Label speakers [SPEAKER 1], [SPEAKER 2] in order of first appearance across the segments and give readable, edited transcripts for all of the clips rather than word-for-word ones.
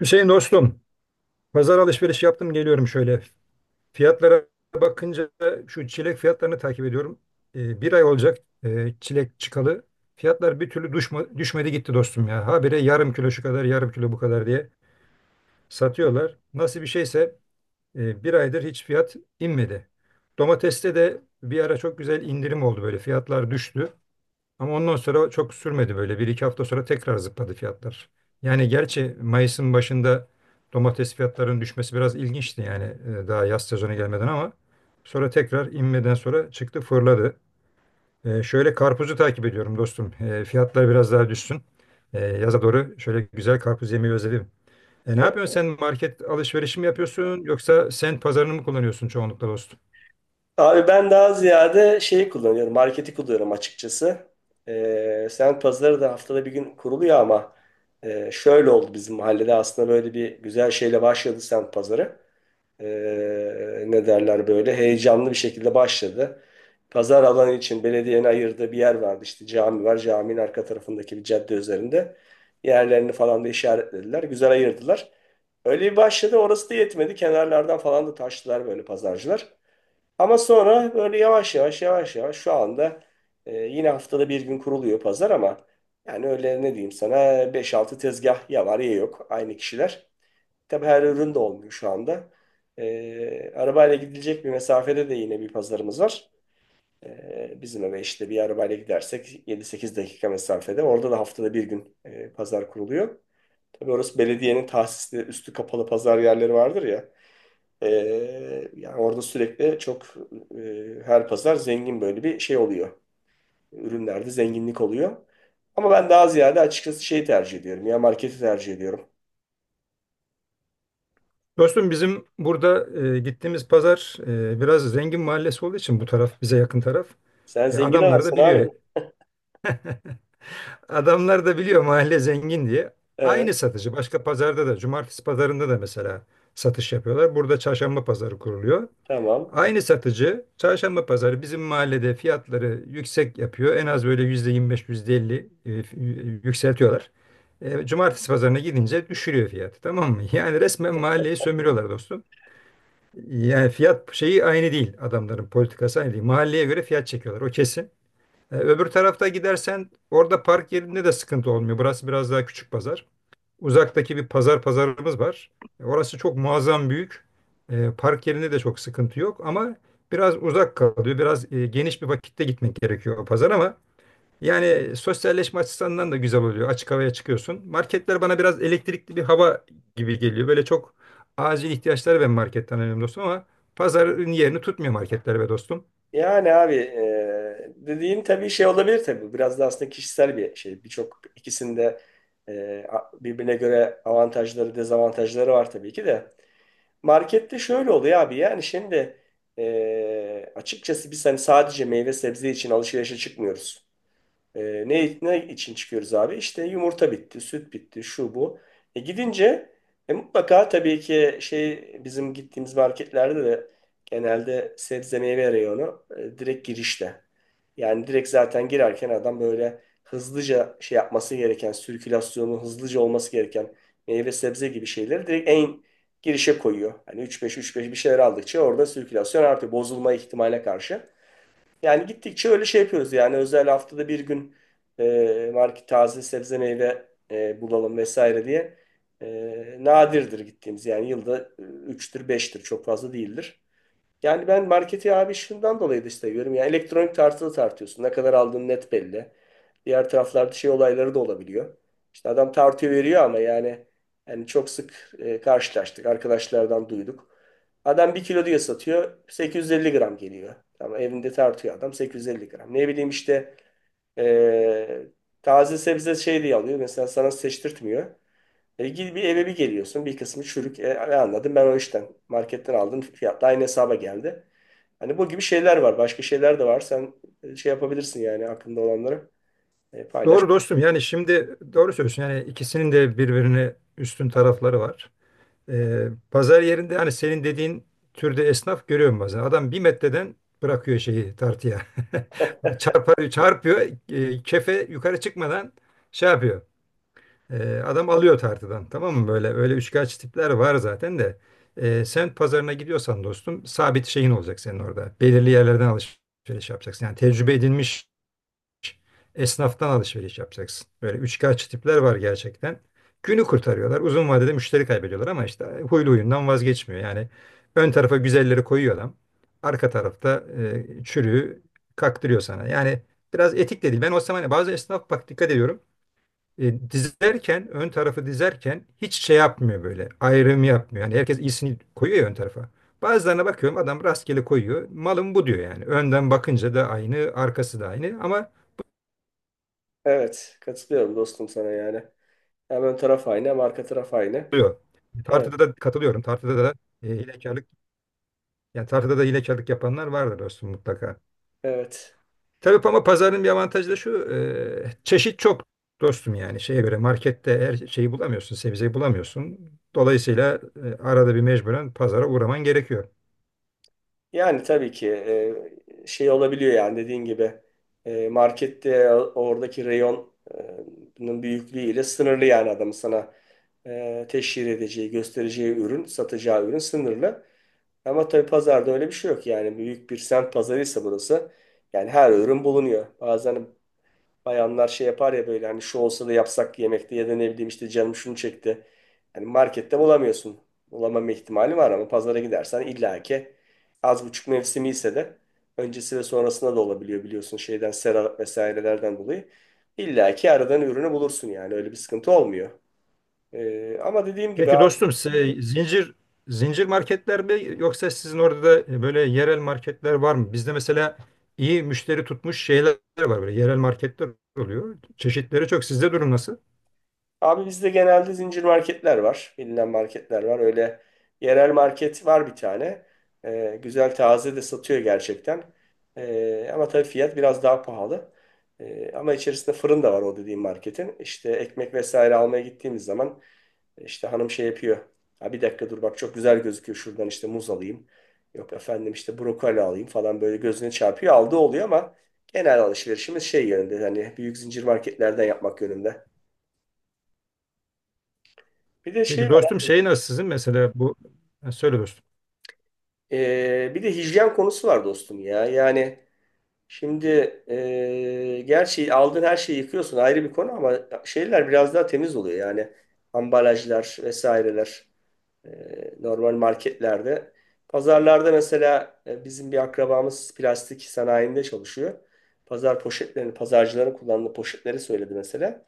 [SPEAKER 1] Hüseyin dostum, pazar alışveriş yaptım geliyorum şöyle. Fiyatlara bakınca şu çilek fiyatlarını takip ediyorum. Bir ay olacak çilek çıkalı. Fiyatlar bir türlü düşmedi gitti dostum ya. Habire yarım kilo şu kadar, yarım kilo bu kadar diye satıyorlar. Nasıl bir şeyse bir aydır hiç fiyat inmedi. Domateste de bir ara çok güzel indirim oldu böyle. Fiyatlar düştü. Ama ondan sonra çok sürmedi böyle. Bir iki hafta sonra tekrar zıpladı fiyatlar. Yani gerçi Mayıs'ın başında domates fiyatlarının düşmesi biraz ilginçti yani daha yaz sezonu gelmeden ama sonra tekrar inmeden sonra çıktı fırladı. Şöyle karpuzu takip ediyorum dostum. Fiyatlar biraz daha düşsün. Yaza doğru şöyle güzel karpuz yemeyi özledim. Ne yapıyorsun sen market alışverişi mi yapıyorsun yoksa sen pazarını mı kullanıyorsun çoğunlukla dostum?
[SPEAKER 2] Abi ben daha ziyade şeyi kullanıyorum. Marketi kullanıyorum açıkçası. Semt pazarı da haftada bir gün kuruluyor ama şöyle oldu bizim mahallede aslında böyle bir güzel şeyle başladı semt pazarı. Ne derler böyle heyecanlı bir şekilde başladı. Pazar alanı için belediyenin ayırdığı bir yer vardı. İşte cami var. Caminin arka tarafındaki bir cadde üzerinde. Yerlerini falan da işaretlediler. Güzel ayırdılar. Öyle bir başladı. Orası da yetmedi. Kenarlardan falan da taştılar böyle pazarcılar. Ama sonra böyle yavaş yavaş yavaş yavaş şu anda yine haftada bir gün kuruluyor pazar ama yani öyle ne diyeyim sana 5-6 tezgah ya var ya yok aynı kişiler. Tabii her ürün de olmuyor şu anda. Arabayla gidilecek bir mesafede de yine bir pazarımız var. Bizim eve işte bir arabayla gidersek 7-8 dakika mesafede. Orada da haftada bir gün pazar kuruluyor. Tabii orası belediyenin tahsisli üstü kapalı pazar yerleri vardır ya. Ee, yani orada sürekli çok her pazar zengin böyle bir şey oluyor. Ürünlerde zenginlik oluyor. Ama ben daha ziyade açıkçası şeyi tercih ediyorum. Ya marketi tercih ediyorum.
[SPEAKER 1] Dostum bizim burada gittiğimiz pazar biraz zengin mahallesi olduğu için bu taraf bize yakın taraf.
[SPEAKER 2] Sen zengin
[SPEAKER 1] Adamlar da
[SPEAKER 2] adamsın
[SPEAKER 1] biliyor.
[SPEAKER 2] abi.
[SPEAKER 1] Adamlar da biliyor mahalle zengin diye. Aynı
[SPEAKER 2] Evet,
[SPEAKER 1] satıcı başka pazarda da cumartesi pazarında da mesela satış yapıyorlar. Burada çarşamba pazarı kuruluyor.
[SPEAKER 2] tamam.
[SPEAKER 1] Aynı satıcı çarşamba pazarı bizim mahallede fiyatları yüksek yapıyor. En az böyle %25 %50 yükseltiyorlar. Cumartesi pazarına gidince düşürüyor fiyatı, tamam mı? Yani resmen mahalleyi sömürüyorlar dostum. Yani fiyat şeyi aynı değil, adamların politikası aynı değil. Mahalleye göre fiyat çekiyorlar, o kesin. Öbür tarafta gidersen orada park yerinde de sıkıntı olmuyor. Burası biraz daha küçük pazar. Uzaktaki bir pazarımız var. Orası çok muazzam büyük. Park yerinde de çok sıkıntı yok ama biraz uzak kalıyor. Biraz geniş bir vakitte gitmek gerekiyor o pazar ama yani sosyalleşme açısından da güzel oluyor. Açık havaya çıkıyorsun. Marketler bana biraz elektrikli bir hava gibi geliyor. Böyle çok acil ihtiyaçları ben marketten alıyorum dostum ama pazarın yerini tutmuyor marketler be dostum.
[SPEAKER 2] Yani abi dediğin tabii şey olabilir tabii. Biraz da aslında kişisel bir şey. Birçok ikisinde birbirine göre avantajları, dezavantajları var tabii ki de. Markette şöyle oluyor abi yani şimdi açıkçası biz hani sadece meyve sebze için alışverişe çıkmıyoruz. E, ne için çıkıyoruz abi? İşte yumurta bitti, süt bitti, şu bu. Gidince mutlaka tabii ki şey bizim gittiğimiz marketlerde de genelde sebze meyve reyonu direkt girişte. Yani direkt zaten girerken adam böyle hızlıca şey yapması gereken, sirkülasyonu hızlıca olması gereken meyve sebze gibi şeyleri direkt en girişe koyuyor. Hani üç beş üç beş bir şeyler aldıkça orada sirkülasyon artıyor. Bozulma ihtimaline karşı. Yani gittikçe öyle şey yapıyoruz yani özel haftada bir gün market taze sebze meyve bulalım vesaire diye nadirdir gittiğimiz yani yılda 3'tür beştir çok fazla değildir. Yani ben marketi abi şundan dolayı da seviyorum. Yani elektronik tartılı tartıyorsun. Ne kadar aldığın net belli. Diğer taraflarda şey olayları da olabiliyor. İşte adam tartıyor veriyor ama yani çok sık karşılaştık. Arkadaşlardan duyduk. Adam bir kilo diye satıyor. 850 gram geliyor. Ama evinde tartıyor adam 850 gram. Ne bileyim işte e, taze sebze şey diye alıyor. Mesela sana seçtirtmiyor. Gidip bir eve bir geliyorsun. Bir kısmı çürük. Ne anladım ben o işten. Marketten aldım. Fiyat da aynı hesaba geldi. Hani bu gibi şeyler var. Başka şeyler de var. Sen şey yapabilirsin yani aklında olanları paylaş.
[SPEAKER 1] Doğru dostum, yani şimdi doğru söylüyorsun. Yani ikisinin de birbirine üstün tarafları var. Pazar yerinde hani senin dediğin türde esnaf görüyorum bazen. Adam bir metreden bırakıyor şeyi tartıya. Çarpıyor. Kefe yukarı çıkmadan şey yapıyor. Adam alıyor tartıdan, tamam mı? Böyle öyle üçkağıtçı tipler var zaten de. Sen pazarına gidiyorsan dostum sabit şeyin olacak senin orada. Belirli yerlerden alışveriş yapacaksın. Yani tecrübe edilmiş esnaftan alışveriş yapacaksın. Böyle üçkağıtçı tipler var gerçekten. Günü kurtarıyorlar. Uzun vadede müşteri kaybediyorlar ama işte huylu huyundan vazgeçmiyor. Yani ön tarafa güzelleri koyuyor adam. Arka tarafta çürüğü kaktırıyor sana. Yani biraz etik de değil. Ben o zaman bazı esnaf bak dikkat ediyorum. Dizerken, ön tarafı dizerken hiç şey yapmıyor böyle. Ayrım yapmıyor. Yani herkes iyisini koyuyor ya ön tarafa. Bazılarına bakıyorum adam rastgele koyuyor. Malım bu diyor yani. Önden bakınca da aynı, arkası da aynı ama
[SPEAKER 2] Evet. Katılıyorum dostum sana yani. Hem ön taraf aynı hem arka taraf aynı.
[SPEAKER 1] oluyor.
[SPEAKER 2] Evet.
[SPEAKER 1] Tartıda da katılıyorum. Tartıda da hilekarlık, yani tartıda da hilekarlık yapanlar vardır dostum mutlaka.
[SPEAKER 2] Evet.
[SPEAKER 1] Tabii ama pazarın bir avantajı da şu. Çeşit çok dostum yani. Şeye göre markette her şeyi bulamıyorsun. Sebzeyi bulamıyorsun. Dolayısıyla arada bir mecburen pazara uğraman gerekiyor.
[SPEAKER 2] Yani tabii ki şey olabiliyor yani dediğin gibi markette oradaki reyonun büyüklüğüyle sınırlı yani adamın sana teşhir edeceği, göstereceği ürün, satacağı ürün sınırlı. Ama tabii pazarda öyle bir şey yok yani büyük bir semt pazarıysa burası yani her ürün bulunuyor. Bazen bayanlar şey yapar ya böyle hani şu olsa da yapsak yemekte ya da ne bileyim işte canım şunu çekti. Hani markette bulamıyorsun. Bulamama ihtimali var ama pazara gidersen illaki az buçuk mevsimi ise de öncesi ve sonrasında da olabiliyor biliyorsun şeyden sera vesairelerden dolayı. İlla ki aradan ürünü bulursun yani öyle bir sıkıntı olmuyor. Ama dediğim gibi.
[SPEAKER 1] Peki dostum size zincir marketler mi yoksa sizin orada da böyle yerel marketler var mı? Bizde mesela iyi müşteri tutmuş şeyler var, böyle yerel marketler oluyor. Çeşitleri çok. Sizde durum nasıl?
[SPEAKER 2] Abi bizde genelde zincir marketler var. Bilinen marketler var. Öyle yerel market var bir tane. Güzel taze de satıyor gerçekten. Ama tabii fiyat biraz daha pahalı. Ama içerisinde fırın da var o dediğim marketin. İşte ekmek vesaire almaya gittiğimiz zaman işte hanım şey yapıyor. Ha bir dakika dur bak çok güzel gözüküyor şuradan işte muz alayım. Yok efendim işte brokoli alayım falan böyle gözüne çarpıyor. Aldığı oluyor ama genel alışverişimiz şey yönünde. Hani büyük zincir marketlerden yapmak yönünde. Bir de
[SPEAKER 1] Peki
[SPEAKER 2] şey var
[SPEAKER 1] dostum
[SPEAKER 2] abi.
[SPEAKER 1] şey nasıl sizin mesela bu. Ha, söyle dostum.
[SPEAKER 2] Bir de hijyen konusu var dostum ya. Yani şimdi gerçi aldığın her şeyi yıkıyorsun ayrı bir konu ama şeyler biraz daha temiz oluyor. Yani ambalajlar vesaireler normal marketlerde. Pazarlarda mesela bizim bir akrabamız plastik sanayinde çalışıyor. Pazar poşetlerini, pazarcıların kullandığı poşetleri söyledi mesela.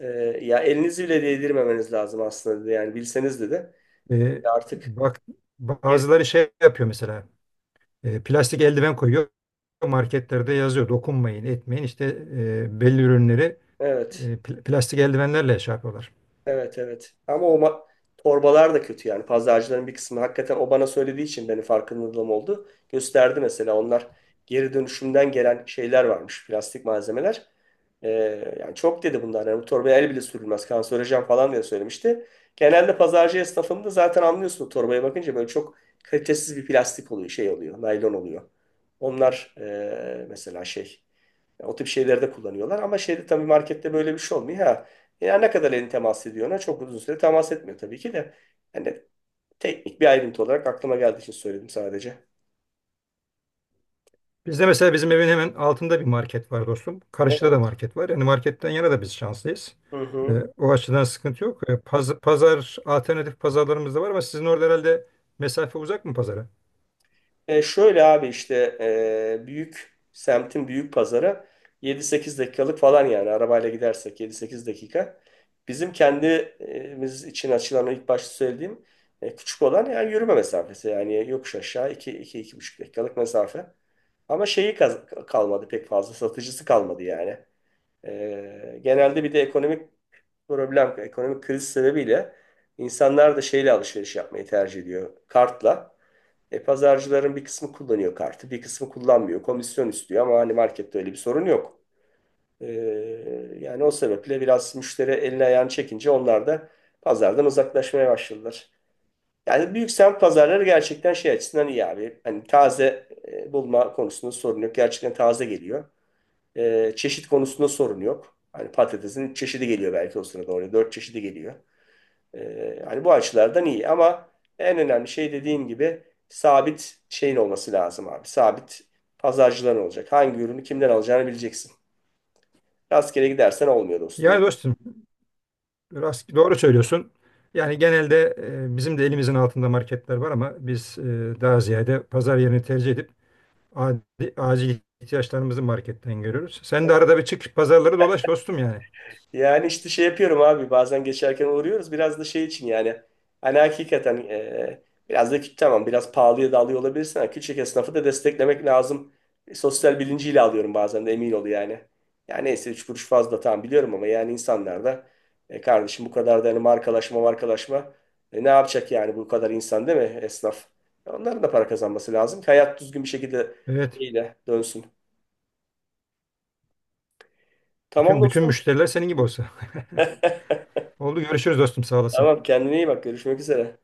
[SPEAKER 2] E, ya elinizi bile değdirmemeniz lazım aslında dedi. Yani bilseniz dedi.
[SPEAKER 1] Ee,
[SPEAKER 2] Artık
[SPEAKER 1] Bak
[SPEAKER 2] geri,
[SPEAKER 1] bazıları şey yapıyor mesela plastik eldiven koyuyor, marketlerde yazıyor dokunmayın etmeyin işte belli ürünleri
[SPEAKER 2] evet.
[SPEAKER 1] plastik eldivenlerle şey yapıyorlar.
[SPEAKER 2] Evet evet. Ama o torbalar da kötü yani. Pazarcıların bir kısmı hakikaten o bana söylediği için benim farkındalığım oldu. Gösterdi mesela onlar geri dönüşümden gelen şeyler varmış. Plastik malzemeler. Ee, yani çok dedi bunlar. Yani bu torbaya el bile sürülmez. Kanserojen falan diye söylemişti. Genelde pazarcı esnafında zaten anlıyorsun o torbaya bakınca böyle çok kalitesiz bir plastik oluyor. Şey oluyor. Naylon oluyor. Onlar mesela şey. O tip şeylerde kullanıyorlar. Ama şeyde tabii markette böyle bir şey olmuyor. Ha, ya ne kadar elini temas ediyor ona? Çok uzun süre temas etmiyor tabii ki de. Hani teknik bir ayrıntı olarak aklıma geldiği için söyledim sadece.
[SPEAKER 1] Bizde mesela bizim evin hemen altında bir market var dostum. Karşıda
[SPEAKER 2] Evet.
[SPEAKER 1] da market var. Yani marketten yana da biz şanslıyız.
[SPEAKER 2] Hı
[SPEAKER 1] Ee,
[SPEAKER 2] hı.
[SPEAKER 1] O açıdan sıkıntı yok. Pazar, alternatif pazarlarımız da var ama sizin orada herhalde mesafe uzak mı pazara?
[SPEAKER 2] Şöyle abi işte büyük semtin büyük pazarı 7-8 dakikalık falan yani arabayla gidersek yedi sekiz dakika. Bizim kendimiz için açılan o ilk başta söylediğim küçük olan yani yürüme mesafesi yani yokuş aşağı iki iki 2,5 dakikalık mesafe. Ama şeyi kalmadı pek fazla satıcısı kalmadı yani. Genelde bir de ekonomik problem, ekonomik kriz sebebiyle insanlar da şeyle alışveriş yapmayı tercih ediyor. Kartla. Pazarcıların bir kısmı kullanıyor kartı, bir kısmı kullanmıyor. Komisyon istiyor ama hani markette öyle bir sorun yok. E, yani o sebeple biraz müşteri elini ayağını çekince onlar da pazardan uzaklaşmaya başladılar. Yani büyük semt pazarları gerçekten şey açısından iyi abi. Hani taze bulma konusunda sorun yok. Gerçekten taze geliyor. Çeşit konusunda sorun yok. Hani patatesin üç çeşidi geliyor belki o sırada oraya. Dört çeşidi geliyor. Hani bu açılardan iyi ama en önemli şey dediğim gibi sabit şeyin olması lazım abi. Sabit pazarcıların olacak. Hangi ürünü kimden alacağını bileceksin. Rastgele gidersen olmuyor dostum. O.
[SPEAKER 1] Yani dostum, doğru söylüyorsun. Yani genelde bizim de elimizin altında marketler var ama biz daha ziyade pazar yerini tercih edip acil ihtiyaçlarımızı marketten görüyoruz. Sen de arada bir çık pazarları dolaş dostum yani.
[SPEAKER 2] Yani işte şey yapıyorum abi bazen geçerken uğruyoruz biraz da şey için yani hani hakikaten biraz da tamam biraz pahalıya da alıyor olabilirsin ama küçük esnafı da desteklemek lazım. Sosyal bilinciyle alıyorum bazen de emin ol yani. Yani neyse üç kuruş fazla tamam biliyorum ama yani insanlar da kardeşim bu kadar da hani markalaşma markalaşma ne yapacak yani bu kadar insan değil mi esnaf? Onların da para kazanması lazım ki hayat düzgün bir şekilde
[SPEAKER 1] Evet.
[SPEAKER 2] şeyle dönsün. Tamam
[SPEAKER 1] Bütün
[SPEAKER 2] dostum.
[SPEAKER 1] müşteriler senin gibi olsa. Oldu, görüşürüz dostum, sağ olasın.
[SPEAKER 2] Tamam kendine iyi bak görüşmek üzere.